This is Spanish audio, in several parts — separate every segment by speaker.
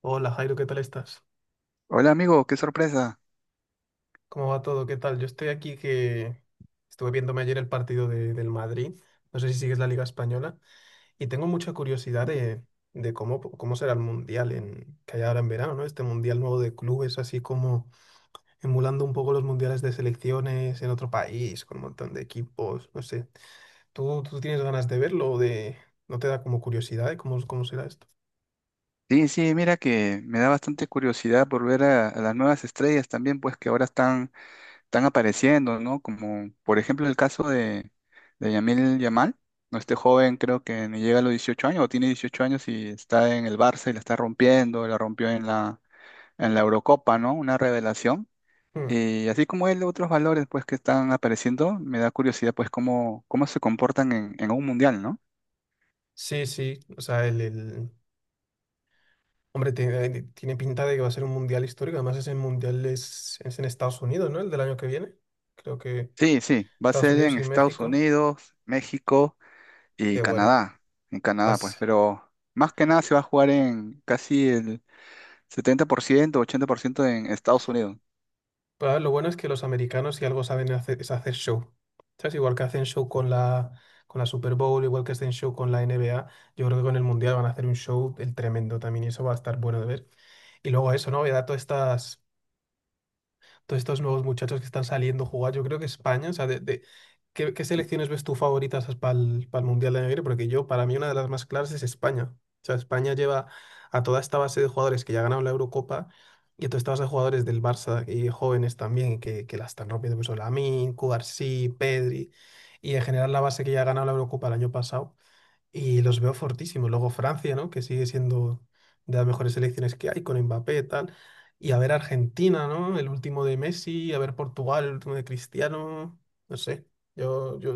Speaker 1: Hola, Jairo, ¿qué tal estás?
Speaker 2: Hola amigo, qué sorpresa.
Speaker 1: ¿Cómo va todo? ¿Qué tal? Yo estoy aquí que estuve viéndome ayer el partido del Madrid. No sé si sigues la Liga Española y tengo mucha curiosidad de cómo, cómo será el Mundial que hay ahora en verano, ¿no? Este Mundial nuevo de clubes, así como emulando un poco los mundiales de selecciones en otro país, con un montón de equipos, no sé. ¿Tú tienes ganas de verlo no te da como curiosidad de cómo, cómo será esto?
Speaker 2: Sí, sí, mira que me da bastante curiosidad por ver a las nuevas estrellas también, pues que ahora están apareciendo, ¿no? Como por ejemplo el caso de Yamil Yamal, ¿no? Este joven creo que ni llega a los 18 años o tiene 18 años y está en el Barça y la está rompiendo, la rompió en la Eurocopa, ¿no? Una revelación.
Speaker 1: Mm.
Speaker 2: Y así como él, otros valores pues que están apareciendo, me da curiosidad pues cómo se comportan en un mundial, ¿no?
Speaker 1: Sí, sí, o sea, el- Hombre, tiene pinta de que va a ser un mundial histórico. Además, ese mundial es en Estados Unidos, ¿no? El del año que viene. Creo que
Speaker 2: Sí, sí, va a
Speaker 1: Estados
Speaker 2: ser
Speaker 1: Unidos
Speaker 2: en
Speaker 1: y
Speaker 2: Estados
Speaker 1: México.
Speaker 2: Unidos, México
Speaker 1: Qué
Speaker 2: y
Speaker 1: bueno.
Speaker 2: Canadá. En Canadá, pues,
Speaker 1: Pues,
Speaker 2: pero más que nada se va a jugar en casi el 70%, 80% en Estados Unidos.
Speaker 1: pues, a ver, lo bueno es que los americanos, si algo saben hacer, es hacer show. ¿Sabes? Igual que hacen show con con la Super Bowl, igual que hacen show con la NBA, yo creo que con el mundial van a hacer un show el tremendo también y eso va a estar bueno de ver. Y luego eso, ¿no? Voy a dar todas estas. Todos estos nuevos muchachos que están saliendo a jugar. Yo creo que España, o sea, de- ¿qué selecciones ves tú favoritas para el Mundial de Negri? Porque yo, para mí, una de las más claras es España. O sea, España lleva a toda esta base de jugadores que ya ganaron la Eurocopa y a toda esta base de jugadores del Barça y jóvenes también que la están rompiendo, pues Lamine, Cubarsí, Pedri y en general la base que ya ha ganado la Eurocopa el año pasado. Y los veo fortísimos. Luego Francia, ¿no? Que sigue siendo de las mejores selecciones que hay, con Mbappé y tal. Y a ver Argentina, ¿no? El último de Messi, a ver Portugal, el último de Cristiano. No sé. Yo...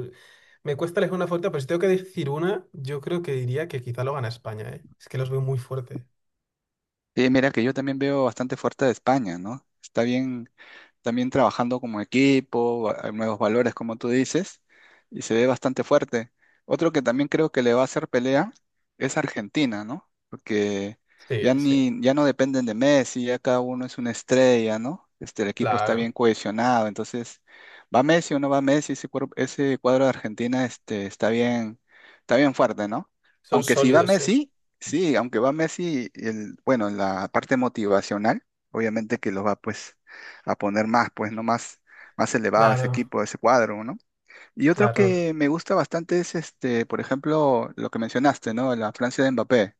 Speaker 1: Me cuesta elegir una fuerte, pero si tengo que decir una, yo creo que diría que quizá lo gana España, ¿eh? Es que los veo muy fuertes.
Speaker 2: Y mira que yo también veo bastante fuerte de España, ¿no? Está bien, también trabajando como equipo, hay nuevos valores, como tú dices, y se ve bastante fuerte. Otro que también creo que le va a hacer pelea es Argentina, ¿no? Porque
Speaker 1: Sí, sí,
Speaker 2: ya no dependen de Messi, ya cada uno es una estrella, ¿no? El equipo está bien
Speaker 1: claro.
Speaker 2: cohesionado, entonces, ¿va Messi o no va Messi? Ese cuadro de Argentina, está bien fuerte, ¿no?
Speaker 1: Son
Speaker 2: Aunque si va
Speaker 1: sólidos, sí.
Speaker 2: Messi, sí, aunque va Messi, bueno, la parte motivacional, obviamente que lo va, pues a poner más, pues, ¿no? Más elevado ese
Speaker 1: Claro,
Speaker 2: equipo, ese cuadro, ¿no? Y otro
Speaker 1: claro.
Speaker 2: que me gusta bastante es, por ejemplo, lo que mencionaste, ¿no? La Francia de Mbappé.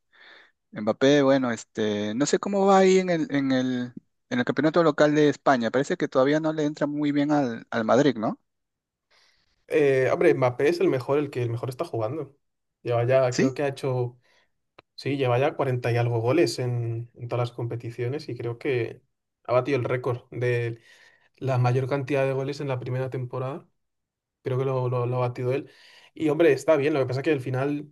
Speaker 2: Mbappé, bueno, no sé cómo va ahí en el campeonato local de España. Parece que todavía no le entra muy bien al Madrid, ¿no?
Speaker 1: Hombre, Mbappé es el mejor, el que el mejor está jugando. Lleva ya, creo
Speaker 2: Sí,
Speaker 1: que ha hecho... Sí, lleva ya 40 y algo goles en todas las competiciones y creo que ha batido el récord de la mayor cantidad de goles en la primera temporada. Creo que lo ha batido él. Y hombre, está bien, lo que pasa es que al final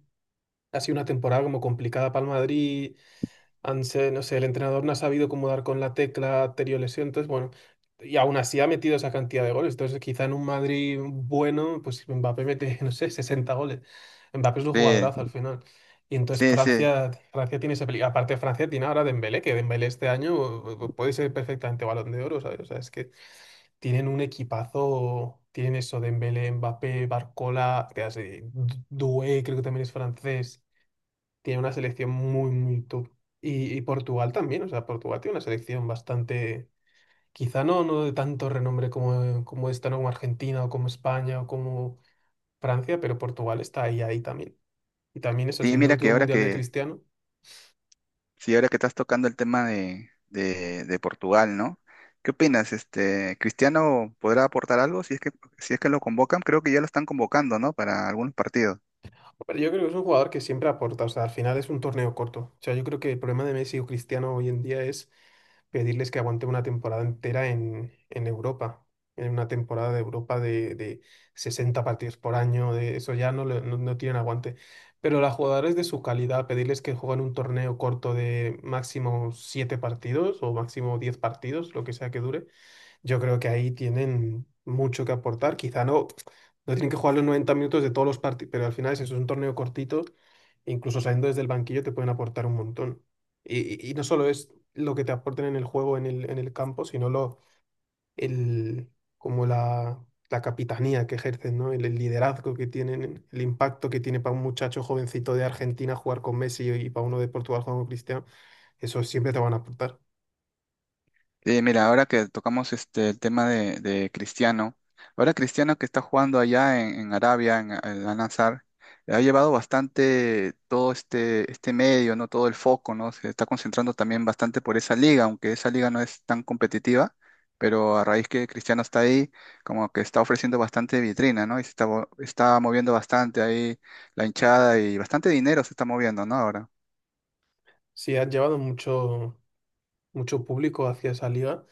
Speaker 1: ha sido una temporada como complicada para el Madrid, han se- no sé, el entrenador no ha sabido cómo dar con la tecla anterior lesión, entonces bueno, y aún así ha metido esa cantidad de goles, entonces quizá en un Madrid bueno, pues Mbappé mete, no sé, 60 goles. Mbappé es un
Speaker 2: sí,
Speaker 1: jugadorazo al final. Y entonces
Speaker 2: sí, sí.
Speaker 1: Francia tiene esa peli- Aparte Francia tiene ahora Dembélé, que Dembélé este año puede ser perfectamente Balón de Oro, ¿sabes? O sea, es que tienen un equipazo, tienen eso, Dembélé, Mbappé, Barcola, que hace- Du- Doué, creo que también es francés, tiene una selección muy, muy top. Y Portugal también, o sea, Portugal tiene una selección bastante, quizá no de tanto renombre como, como esta, ¿no? Como Argentina o como España o como Francia, pero Portugal está ahí, ahí también. Y también eso,
Speaker 2: Y
Speaker 1: siendo el
Speaker 2: mira que
Speaker 1: último
Speaker 2: ahora
Speaker 1: mundial de
Speaker 2: que,
Speaker 1: Cristiano.
Speaker 2: Sí, ahora que estás tocando el tema de Portugal, ¿no? ¿Qué opinas? ¿Cristiano podrá aportar algo si es que lo convocan? Creo que ya lo están convocando, ¿no? Para algunos partidos.
Speaker 1: Pero yo creo que es un jugador que siempre aporta, o sea, al final es un torneo corto. O sea, yo creo que el problema de Messi o Cristiano hoy en día es pedirles que aguante una temporada entera en Europa, en una temporada de Europa de 60 partidos por año, de eso ya no, le- no, no tienen aguante. Pero a jugadores de su calidad, pedirles que jueguen un torneo corto de máximo 7 partidos o máximo 10 partidos, lo que sea que dure, yo creo que ahí tienen mucho que aportar. Quizá no, no tienen que jugar los 90 minutos de todos los partidos, pero al final es eso, es un torneo cortito. E incluso saliendo desde el banquillo te pueden aportar un montón. Y, y no solo es lo que te aporten en el juego, en el campo, sino lo, el, como la capitanía que ejercen, ¿no? El liderazgo que tienen, el impacto que tiene para un muchacho jovencito de Argentina jugar con Messi y para uno de Portugal jugar con Cristiano, eso siempre te van a aportar.
Speaker 2: Mira, ahora que tocamos el tema de Cristiano, ahora Cristiano que está jugando allá en Arabia, en Al-Nassr, ha llevado bastante todo este, este medio, ¿no? Todo el foco, ¿no? Se está concentrando también bastante por esa liga, aunque esa liga no es tan competitiva, pero a raíz que Cristiano está ahí, como que está ofreciendo bastante vitrina, ¿no? Y se está, está moviendo bastante ahí la hinchada y bastante dinero se está moviendo, ¿no? Ahora.
Speaker 1: Sí, han llevado mucho público hacia esa liga.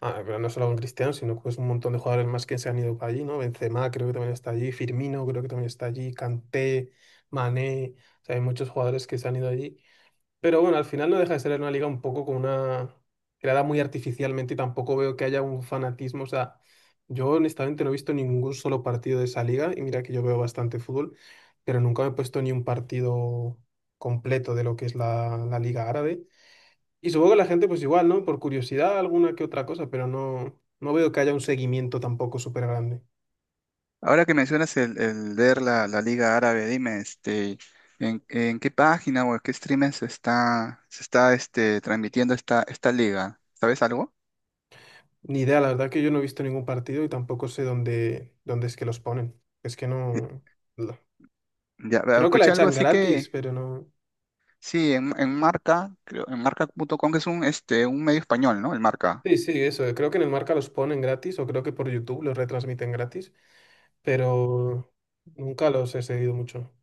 Speaker 1: Ah, pero no solo con Cristiano, sino que es un montón de jugadores más que se han ido para allí, ¿no? Benzema creo que también está allí, Firmino creo que también está allí, Kanté, Mané, o sea, hay muchos jugadores que se han ido allí. Pero bueno, al final no deja de ser una liga un poco con una... creada muy artificialmente y tampoco veo que haya un fanatismo, o sea, yo honestamente no he visto ningún solo partido de esa liga y mira que yo veo bastante fútbol, pero nunca me he puesto ni un partido completo de lo que es la liga árabe. Y supongo que la gente, pues igual, ¿no? Por curiosidad, alguna que otra cosa, pero no, no veo que haya un seguimiento tampoco súper grande.
Speaker 2: Ahora que mencionas el ver la Liga Árabe, dime, en qué página o en qué streaming se está transmitiendo esta liga? ¿Sabes algo?
Speaker 1: Ni idea, la verdad que yo no he visto ningún partido y tampoco sé dónde, dónde es que los ponen. Es que
Speaker 2: Eh,
Speaker 1: no, no.
Speaker 2: Ya,
Speaker 1: Creo que la
Speaker 2: escuché algo
Speaker 1: echan
Speaker 2: así
Speaker 1: gratis,
Speaker 2: que,
Speaker 1: pero no.
Speaker 2: sí, en Marca, creo, en marca punto com que es un, un medio español, ¿no? El Marca.
Speaker 1: Sí, sí, eso. Creo que en el Marca los ponen gratis o creo que por YouTube los retransmiten gratis, pero nunca los he seguido mucho.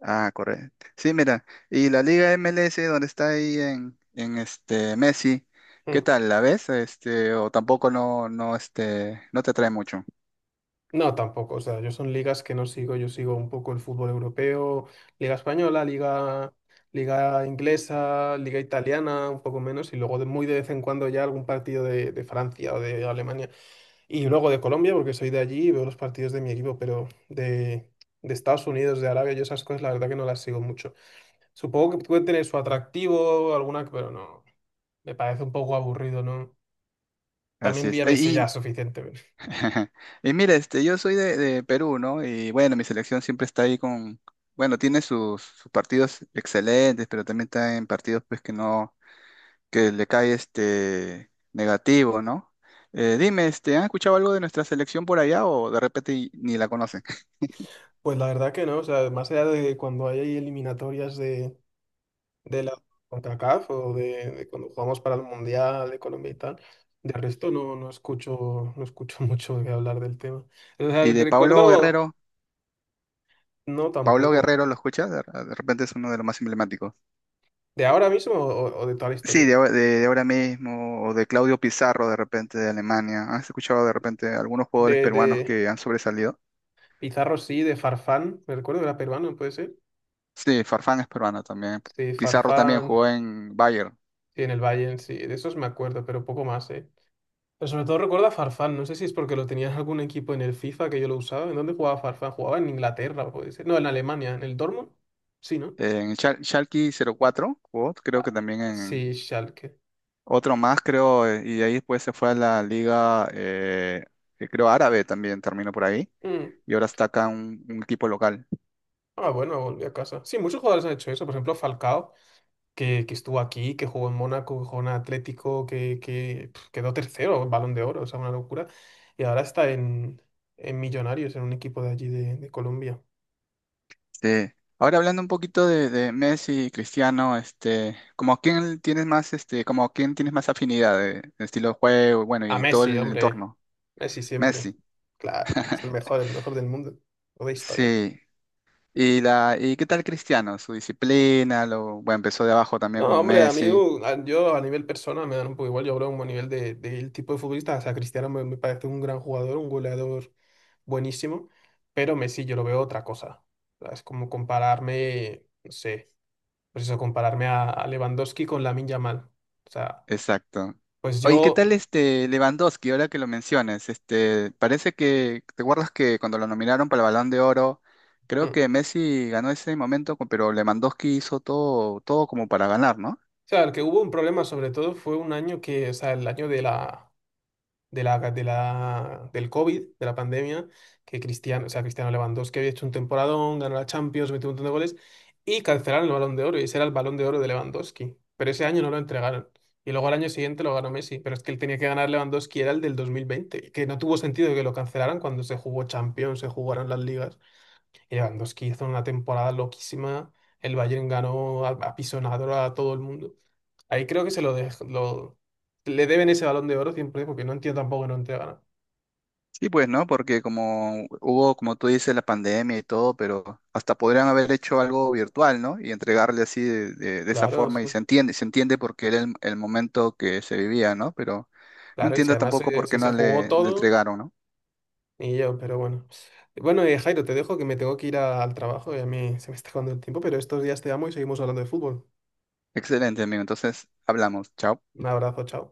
Speaker 2: Ah, correcto. Sí, mira, y la Liga MLS, donde está ahí en Messi, ¿qué
Speaker 1: Mm.
Speaker 2: tal? ¿La ves? O tampoco no, no te atrae mucho.
Speaker 1: No, tampoco. O sea, yo son ligas que no sigo. Yo sigo un poco el fútbol europeo, liga española, liga inglesa, liga italiana, un poco menos, y luego muy de vez en cuando ya algún partido de Francia o de Alemania. Y luego de Colombia, porque soy de allí y veo los partidos de mi equipo, pero de Estados Unidos, de Arabia, yo esas cosas la verdad que no las sigo mucho. Supongo que puede tener su atractivo, alguna, pero no. Me parece un poco aburrido, ¿no?
Speaker 2: Así
Speaker 1: También vi
Speaker 2: es.
Speaker 1: a
Speaker 2: Eh,
Speaker 1: Messi ya
Speaker 2: Y
Speaker 1: suficiente.
Speaker 2: Y mira, yo soy de Perú, ¿no? Y bueno, mi selección siempre está ahí con, bueno, tiene sus partidos excelentes, pero también está en partidos pues que no, que le cae este negativo, ¿no? Dime, ¿han escuchado algo de nuestra selección por allá o de repente ni la conocen?
Speaker 1: Pues la verdad que no, o sea, más allá de cuando hay eliminatorias de la CONCACAF o de cuando jugamos para el Mundial de Colombia y tal, de resto no, no escucho, no escucho mucho que hablar del tema. O sea,
Speaker 2: Y de Pablo
Speaker 1: recuerdo,
Speaker 2: Guerrero,
Speaker 1: no
Speaker 2: Pablo
Speaker 1: tampoco.
Speaker 2: Guerrero, ¿lo escuchas? De repente es uno de los más emblemáticos.
Speaker 1: ¿De ahora mismo o de toda la
Speaker 2: Sí,
Speaker 1: historia?
Speaker 2: de ahora mismo, o de Claudio Pizarro, de repente de Alemania. ¿Has escuchado de repente algunos jugadores peruanos que
Speaker 1: De
Speaker 2: han sobresalido?
Speaker 1: Pizarro sí, de Farfán, me recuerdo que era peruano, ¿puede ser?
Speaker 2: Sí, Farfán es peruano también.
Speaker 1: Sí,
Speaker 2: Pizarro también
Speaker 1: Farfán,
Speaker 2: jugó en Bayern.
Speaker 1: sí, en el Bayern, sí, de esos me acuerdo, pero poco más, ¿eh? Pero sobre todo recuerda a Farfán, no sé si es porque lo tenías algún equipo en el FIFA que yo lo usaba. ¿En dónde jugaba Farfán? Jugaba en Inglaterra, puede ser. No, en Alemania, en el Dortmund. Sí, ¿no?
Speaker 2: Schalke 04 jugó, creo que también
Speaker 1: Ah,
Speaker 2: en
Speaker 1: sí, Schalke.
Speaker 2: otro más, creo, y de ahí después se fue a la liga, creo, árabe también, terminó por ahí,
Speaker 1: Mm.
Speaker 2: y ahora está acá un equipo local.
Speaker 1: Ah, bueno, volví a casa. Sí, muchos jugadores han hecho eso. Por ejemplo, Falcao, que estuvo aquí, que jugó en Mónaco, que jugó en Atlético, que pf, quedó tercero, Balón de Oro, o sea, una locura. Y ahora está en Millonarios, en un equipo de allí de Colombia.
Speaker 2: Sí. Ahora hablando un poquito de Messi y Cristiano, como a quién tienes más, como a quién tienes más afinidad de estilo de juego, bueno,
Speaker 1: A
Speaker 2: y todo
Speaker 1: Messi,
Speaker 2: el
Speaker 1: hombre.
Speaker 2: entorno.
Speaker 1: Messi siempre.
Speaker 2: Messi.
Speaker 1: Claro, es el mejor del mundo. O de historia.
Speaker 2: Sí, y qué tal Cristiano? Su disciplina, lo, bueno, empezó de abajo también
Speaker 1: No,
Speaker 2: como
Speaker 1: hombre, a mí,
Speaker 2: Messi.
Speaker 1: a- yo a nivel persona me dan un poco igual. Yo hablo como a nivel del tipo de futbolista. O sea, Cristiano me parece un gran jugador, un goleador buenísimo, pero Messi yo lo veo otra cosa. O sea, es como compararme, no sé, pues eso, compararme a Lewandowski con Lamine Yamal. O sea,
Speaker 2: Exacto.
Speaker 1: pues
Speaker 2: Oye, ¿qué
Speaker 1: yo.
Speaker 2: tal este Lewandowski? Ahora que lo mencionas, parece que, ¿te acuerdas que cuando lo nominaron para el Balón de Oro, creo
Speaker 1: Mm.
Speaker 2: que Messi ganó ese momento, pero Lewandowski hizo todo, todo como para ganar, ¿no?
Speaker 1: O sea, el que hubo un problema sobre todo fue un año que, o sea, el año de la. De la del COVID, de la pandemia, que Cristiano, o sea, Cristiano Lewandowski había hecho un temporadón, ganó la Champions, metió un montón de goles, y cancelaron el Balón de Oro, y ese era el Balón de Oro de Lewandowski. Pero ese año no lo entregaron. Y luego al año siguiente lo ganó Messi, pero es que él tenía que ganar Lewandowski, era el del 2020, que no tuvo sentido que lo cancelaran cuando se jugó Champions, se jugaron las ligas. Lewandowski hizo una temporada loquísima. El Bayern ganó a pisonador a todo el mundo. Ahí creo que se lo, le deben ese balón de oro siempre, porque no entiendo tampoco que no entregaran.
Speaker 2: Sí, pues, ¿no? Porque como hubo, como tú dices, la pandemia y todo, pero hasta podrían haber hecho algo virtual, ¿no? Y entregarle así de esa
Speaker 1: Claro,
Speaker 2: forma y
Speaker 1: eso-
Speaker 2: se entiende porque era el momento que se vivía, ¿no? Pero no
Speaker 1: claro, y si
Speaker 2: entiendo
Speaker 1: además
Speaker 2: tampoco por
Speaker 1: si
Speaker 2: qué
Speaker 1: se
Speaker 2: no
Speaker 1: jugó
Speaker 2: le
Speaker 1: todo,
Speaker 2: entregaron, ¿no?
Speaker 1: y yo, pero bueno. Bueno, Jairo, te dejo que me tengo que ir al trabajo y a mí se me está acabando el tiempo, pero estos días te amo y seguimos hablando de fútbol.
Speaker 2: Excelente, amigo. Entonces, hablamos. Chao.
Speaker 1: Un abrazo, chao.